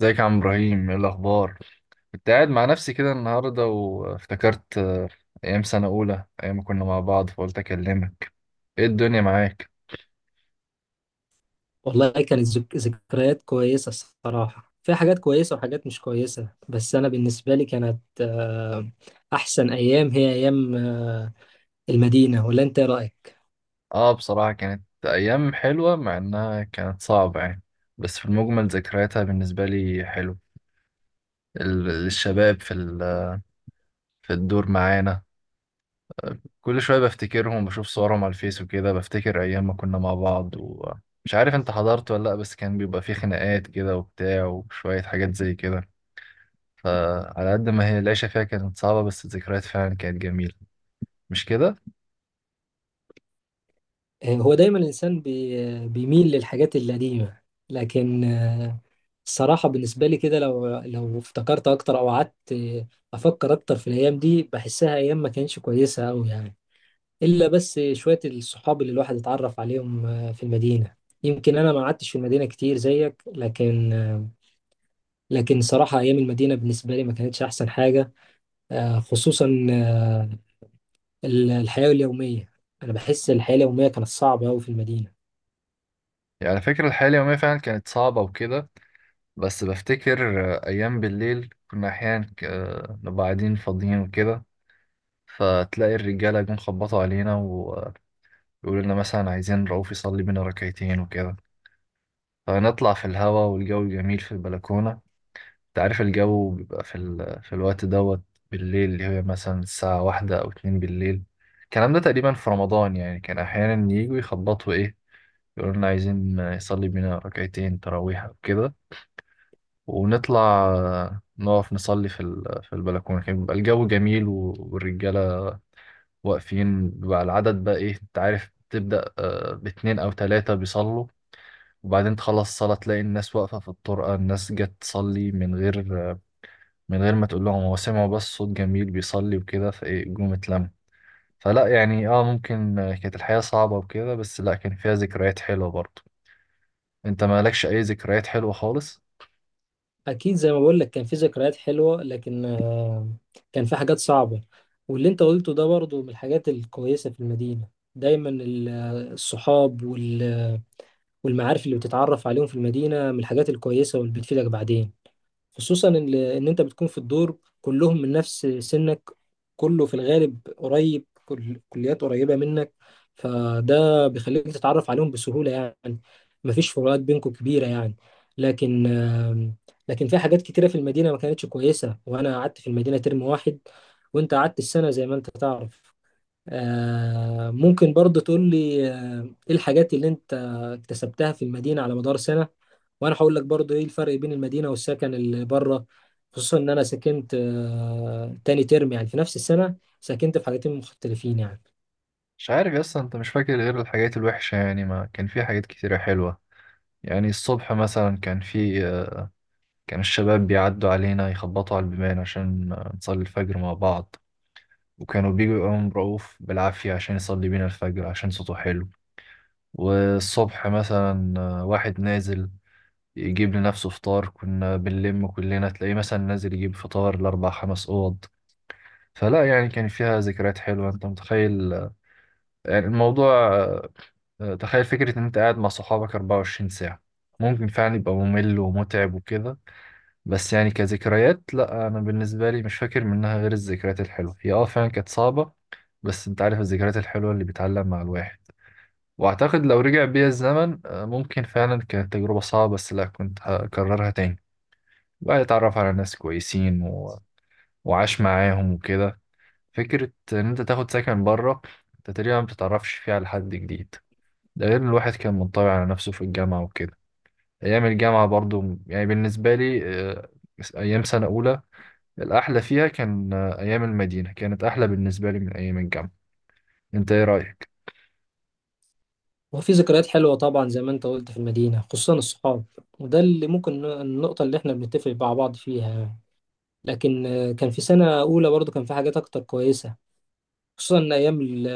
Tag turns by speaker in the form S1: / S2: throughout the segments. S1: ازيك يا عم ابراهيم، ايه الاخبار؟ كنت قاعد مع نفسي كده النهارده وافتكرت ايام سنه اولى، ايام ما كنا مع بعض، فقلت اكلمك. ايه الدنيا معاك؟
S2: والله كانت ذكريات كويسة. الصراحة في حاجات كويسة وحاجات مش كويسة، بس أنا بالنسبة لي كانت أحسن أيام هي أيام المدينة. ولا أنت إيه رأيك؟
S1: اه بصراحه كانت ايام حلوه مع انها كانت صعبه يعني، بس في المجمل ذكرياتها بالنسبه لي حلو. الشباب في الدور معانا، كل شويه بفتكرهم، بشوف صورهم على الفيس وكده، بفتكر ايام ما كنا مع بعض. ومش عارف انت حضرت ولا لا، بس كان بيبقى فيه خناقات كده وبتاع وشويه حاجات زي كده. فعلى قد ما هي العيشة فيها كانت صعبة، بس الذكريات فعلا كانت جميلة. مش كده؟
S2: هو دايما الإنسان بيميل للحاجات القديمة. لكن الصراحة بالنسبة لي كده، لو افتكرت أكتر أو قعدت أفكر أكتر في الأيام دي بحسها أيام ما كانتش كويسة أوي يعني، الا بس شويه الصحاب اللي الواحد اتعرف عليهم في المدينه. يمكن انا ما قعدتش في المدينه كتير زيك، لكن صراحه ايام المدينه بالنسبه لي ما كانتش احسن حاجه. خصوصا الحياه اليوميه. انا بحس الحياه اليوميه كانت صعبه قوي في المدينه.
S1: يعني على فكرة الحياة اليومية فعلا كانت صعبة وكده، بس بفتكر أيام بالليل كنا أحيانا نبقى قاعدين فاضيين وكده، فتلاقي الرجالة جم خبطوا علينا ويقولوا لنا مثلا عايزين رؤوف يصلي بينا ركعتين وكده، فنطلع في الهوا والجو جميل في البلكونة. انت عارف الجو بيبقى في الوقت دوت بالليل، اللي هي مثلا الساعة واحدة أو اتنين بالليل. الكلام ده تقريبا في رمضان، يعني كان أحيانا يجوا يخبطوا إيه، يقولوا لنا عايزين يصلي بينا ركعتين تراويح أو كده، ونطلع نقف نصلي في البلكونة. كان بيبقى الجو جميل والرجالة واقفين، بقى العدد بقى إيه، أنت عارف، تبدأ باتنين أو تلاتة بيصلوا، وبعدين تخلص الصلاة تلاقي الناس واقفة في الطرقة، الناس جت تصلي من غير ما تقول لهم، هو سمعوا بس صوت جميل بيصلي وكده فايه جم اتلم. فلا يعني ممكن كانت الحياة صعبة وكده، بس لا، كان فيها ذكريات حلوة برضه. انت مالكش اي ذكريات حلوة خالص؟
S2: اكيد زي ما بقول لك كان في ذكريات حلوه، لكن كان في حاجات صعبه. واللي انت قلته ده برضو من الحاجات الكويسه في المدينه، دايما الصحاب والمعارف اللي بتتعرف عليهم في المدينة من الحاجات الكويسة واللي بتفيدك بعدين، خصوصا إن أنت بتكون في الدور كلهم من نفس سنك، كله في الغالب قريب، كل كليات قريبة منك، فده بيخليك تتعرف عليهم بسهولة يعني، مفيش فروقات بينكم كبيرة يعني. لكن آم، لكن في حاجات كتيرة في المدينة ما كانتش كويسة. وأنا قعدت في المدينة ترم واحد وأنت قعدت السنة زي ما أنت تعرف. ممكن برضه تقول لي ايه الحاجات اللي انت اكتسبتها في المدينة على مدار سنة، وانا هقول لك برضه ايه الفرق بين المدينة والسكن اللي بره، خصوصا ان انا سكنت تاني ترم يعني في نفس السنة سكنت في حاجتين مختلفين يعني.
S1: مش عارف يا اسطى، انت مش فاكر غير الحاجات الوحشة يعني، ما كان في حاجات كتيرة حلوة. يعني الصبح مثلا كان في آه، كان الشباب بيعدوا علينا يخبطوا على البيبان عشان نصلي الفجر مع بعض، وكانوا بيجوا يقوم رؤوف بالعافية عشان يصلي بينا الفجر عشان صوته حلو. والصبح مثلا واحد نازل يجيب لنفسه فطار، كنا بنلم كلنا، تلاقيه مثلا نازل يجيب فطار لأربع خمس أوض. فلا يعني كان فيها ذكريات حلوة، أنت متخيل يعني الموضوع. تخيل فكرة إن أنت قاعد مع صحابك 24 ساعة، ممكن فعلا يبقى ممل ومتعب وكده، بس يعني كذكريات لا، أنا بالنسبة لي مش فاكر منها غير الذكريات الحلوة. هي فعلا كانت صعبة، بس أنت عارف الذكريات الحلوة اللي بتعلم مع الواحد. وأعتقد لو رجع بيا الزمن ممكن فعلا كانت تجربة صعبة، بس لا، كنت هكررها تاني، بقى يتعرف على ناس كويسين وعاش معاهم وكده. فكرة إن أنت تاخد سكن بره، أنت تقريبا ما بتتعرفش فيه على حد جديد، ده غير إن الواحد كان منطوي على نفسه في الجامعة وكده. أيام الجامعة برضو يعني بالنسبة لي، آه، أيام سنة أولى الأحلى فيها كان أيام المدينة، كانت أحلى بالنسبة لي من أيام الجامعة. أنت إيه رأيك؟
S2: وفي ذكريات حلوة طبعا زي ما انت قلت في المدينة خصوصا الصحاب، وده اللي ممكن النقطة اللي احنا بنتفق مع بعض فيها يعني. لكن كان في سنة أولى برضه كان في حاجات أكتر كويسة، خصوصا إن ايام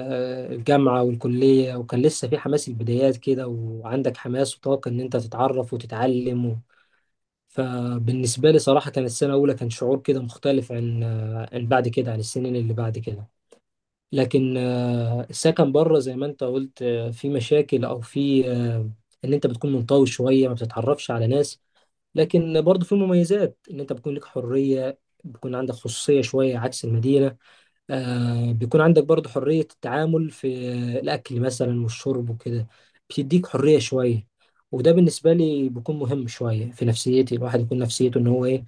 S2: الجامعه والكليه وكان لسه في حماس البدايات كده، وعندك حماس وطاقه ان انت تتعرف وتتعلم فبالنسبه لي صراحه كانت السنه الاولى كان شعور كده مختلف عن بعد كده عن السنين اللي بعد كده. لكن السكن بره زي ما انت قلت في مشاكل او في ان انت بتكون منطوي شويه ما بتتعرفش على ناس. لكن برضه في مميزات، ان انت بتكون لك حريه، بيكون عندك خصوصيه شويه عكس المدينه. بيكون عندك برضو حرية التعامل في الأكل مثلا والشرب وكده، بتديك حرية شوية، وده بالنسبة لي بيكون مهم شوية في نفسيتي، الواحد يكون نفسيته إن هو إيه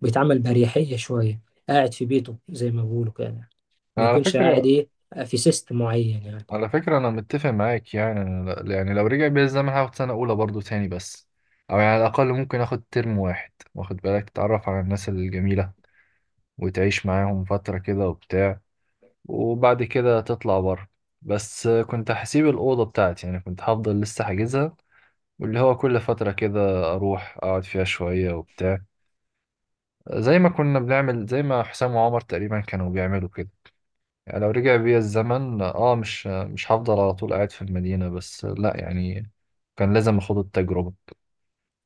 S2: بيتعامل بأريحية شوية، قاعد في بيته زي ما بيقولوا كده يعني. ما
S1: أنا على
S2: يكونش قاعد
S1: فكرة،
S2: إيه في سيستم معين يعني.
S1: أنا متفق معاك. يعني أنا يعني لو رجع بيا الزمن هاخد سنة أولى برضه تاني، بس أو يعني على الأقل ممكن آخد ترم واحد، واخد بالك، تتعرف على الناس الجميلة وتعيش معاهم فترة كده وبتاع، وبعد كده تطلع بره. بس كنت هسيب الأوضة بتاعتي يعني، كنت هفضل لسه حاجزها، واللي هو كل فترة كده أروح أقعد فيها شوية وبتاع، زي ما كنا بنعمل، زي ما حسام وعمر تقريبا كانوا بيعملوا كده. يعني لو رجع بيا الزمن مش هفضل على طول قاعد في المدينة، بس لا يعني، كان لازم اخد التجربة.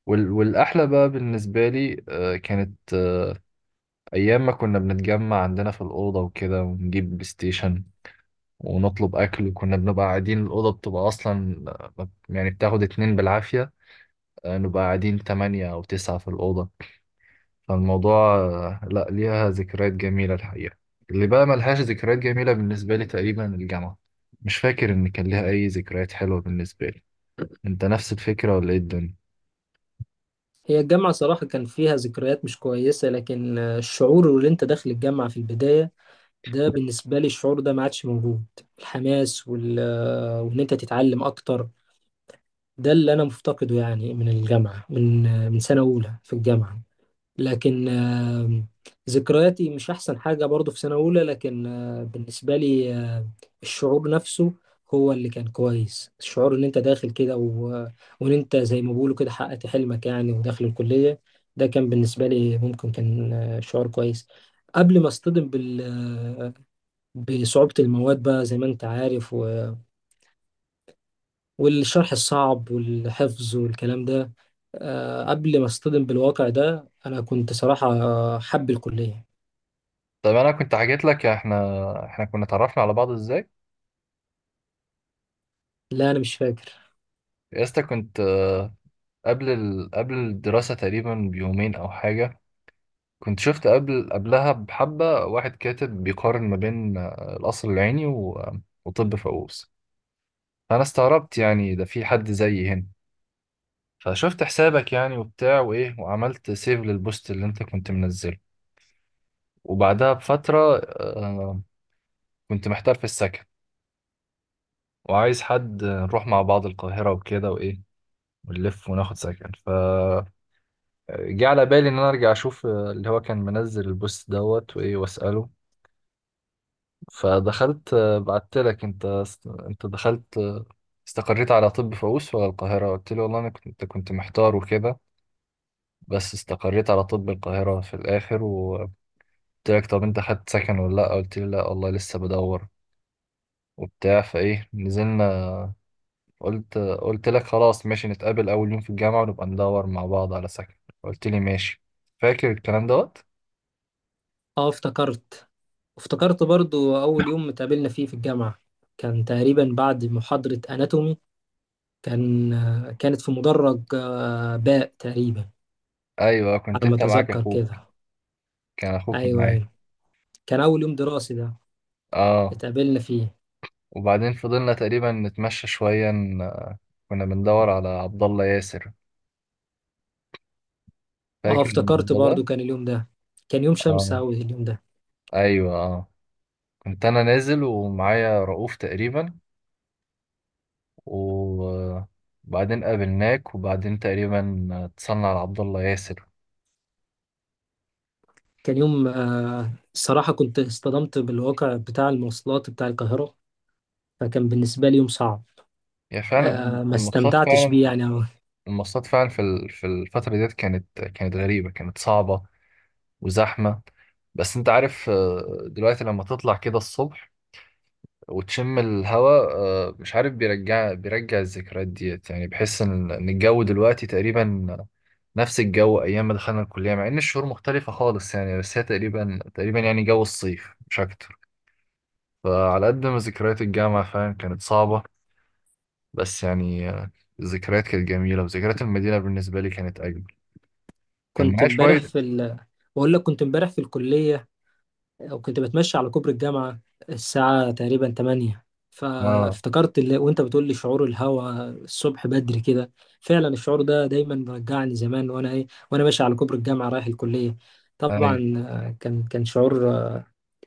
S1: والأحلى بقى بالنسبة لي كانت أيام ما كنا بنتجمع عندنا في الأوضة وكده، ونجيب بلاي ستيشن ونطلب أكل، وكنا بنبقى قاعدين. الأوضة بتبقى أصلا يعني بتاخد اتنين بالعافية، نبقى قاعدين تمانية أو تسعة في الأوضة. فالموضوع لا، ليها ذكريات جميلة الحقيقة. اللي بقى ملهاش ذكريات جميلة بالنسبة لي تقريبا الجامعة، مش فاكر إن كان ليها أي ذكريات حلوة بالنسبة لي. أنت نفس الفكرة ولا إيه الدنيا؟
S2: هي الجامعة صراحة كان فيها ذكريات مش كويسة، لكن الشعور اللي أنت داخل الجامعة في البداية، ده بالنسبة لي الشعور ده ما عادش موجود. الحماس وال... آه، وإن أنت تتعلم أكتر، ده اللي انا مفتقده يعني من الجامعه، من سنه اولى في الجامعه. لكن ذكرياتي مش احسن حاجه برضو في سنه اولى، لكن بالنسبه لي الشعور نفسه هو اللي كان كويس، الشعور ان انت داخل كده وان انت زي ما بيقولوا كده حققت حلمك يعني وداخل الكليه، ده كان بالنسبه لي ممكن كان شعور كويس قبل ما اصطدم بال... آه، بصعوبه المواد بقى زي ما انت عارف، والشرح الصعب والحفظ والكلام ده. قبل ما اصطدم بالواقع ده انا كنت صراحة حب الكلية.
S1: طب أنا كنت حكيت لك إحنا كنا اتعرفنا على بعض إزاي؟
S2: لا انا مش فاكر.
S1: يا اسطى، كنت قبل الدراسة تقريبا بيومين أو حاجة، كنت شفت قبلها بحبة واحد كاتب بيقارن ما بين القصر العيني وطب فؤوس. فأنا استغربت يعني، ده في حد زيي هنا؟ فشفت حسابك يعني وبتاع وايه، وعملت سيف للبوست اللي انت كنت منزله. وبعدها بفترة كنت محتار في السكن، وعايز حد نروح مع بعض القاهرة وكده وايه، ونلف وناخد سكن فجه على بالي ان انا ارجع اشوف اللي هو كان منزل البوست دوت وايه واسأله. فدخلت بعت لك انت، انت دخلت استقريت على طب فؤوس ولا القاهرة. قلت له والله انا كنت محتار وكده، بس استقريت على طب القاهرة في الآخر، و قلت لك طب انت خدت سكن ولا لا. قلت لي لا والله لسه بدور وبتاع، فايه نزلنا. قلت لك خلاص ماشي، نتقابل اول يوم في الجامعه ونبقى ندور مع بعض على سكن. قلت لي ماشي. فاكر الكلام دوت؟
S2: اه، افتكرت. برضو اول يوم اتقابلنا فيه في الجامعة كان تقريبا بعد محاضرة اناتومي. كانت في مدرج باء تقريبا
S1: ايوه، كنت
S2: على ما
S1: انت معاك
S2: اتذكر
S1: اخوك،
S2: كده.
S1: كان اخوك
S2: ايوه،
S1: معايا.
S2: ايوه، كان اول يوم دراسي ده
S1: اه.
S2: اتقابلنا فيه.
S1: وبعدين فضلنا تقريبا نتمشى شويه، كنا بندور على عبد الله ياسر.
S2: اه،
S1: فاكر
S2: افتكرت
S1: الموضوع ده؟
S2: برضو كان اليوم ده، كان يوم شمس
S1: اه،
S2: اوي اليوم ده.
S1: ايوه، اه. كنت انا نازل ومعايا رؤوف تقريبا، وبعدين قابلناك، وبعدين تقريبا اتصلنا على عبد الله ياسر.
S2: كان يوم الصراحة كنت اصطدمت بالواقع بتاع المواصلات بتاع القاهرة، فكان بالنسبة لي يوم صعب.
S1: هي فعلا
S2: ما
S1: المواصلات،
S2: استمتعتش
S1: فعلا
S2: بيه يعني أوي.
S1: المواصلات، فعلا في الفترة ديت كانت غريبة، كانت صعبة وزحمة. بس انت عارف دلوقتي لما تطلع كده الصبح وتشم الهواء مش عارف، بيرجع الذكريات ديت يعني، بحس إن الجو دلوقتي تقريبا نفس الجو ايام ما دخلنا الكلية، مع ان الشهور مختلفة خالص يعني، بس هي تقريبا يعني جو الصيف مش اكتر. فعلى قد ما ذكريات الجامعة فاهم كانت صعبة، بس يعني الذكريات كانت جميلة، وذكريات المدينة بالنسبة لي كانت أجمل. كان
S2: كنت
S1: معايا
S2: امبارح
S1: شوية.
S2: في ال... بقول لك كنت امبارح في الكلية، وكنت بتمشى على كوبري الجامعة الساعة تقريبا 8.
S1: اه،
S2: فافتكرت وانت بتقول لي شعور الهوا الصبح بدري كده، فعلا الشعور ده دايما بيرجعني زمان، وانا ماشي على كوبري الجامعة رايح الكلية.
S1: أيوة،
S2: طبعا كان شعور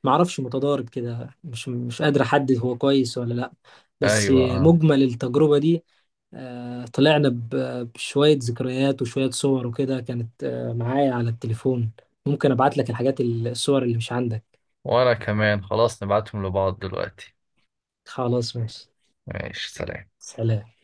S2: معرفش متضارب كده، مش قادر احدد هو كويس ولا لا. بس
S1: ايوه، اه.
S2: مجمل التجربة دي طلعنا بشوية ذكريات وشوية صور وكده، كانت معايا على التليفون. ممكن ابعت لك الحاجات الصور اللي مش عندك.
S1: وانا كمان خلاص، نبعتهم لبعض دلوقتي.
S2: خلاص، ماشي،
S1: ماشي، سلام.
S2: سلام.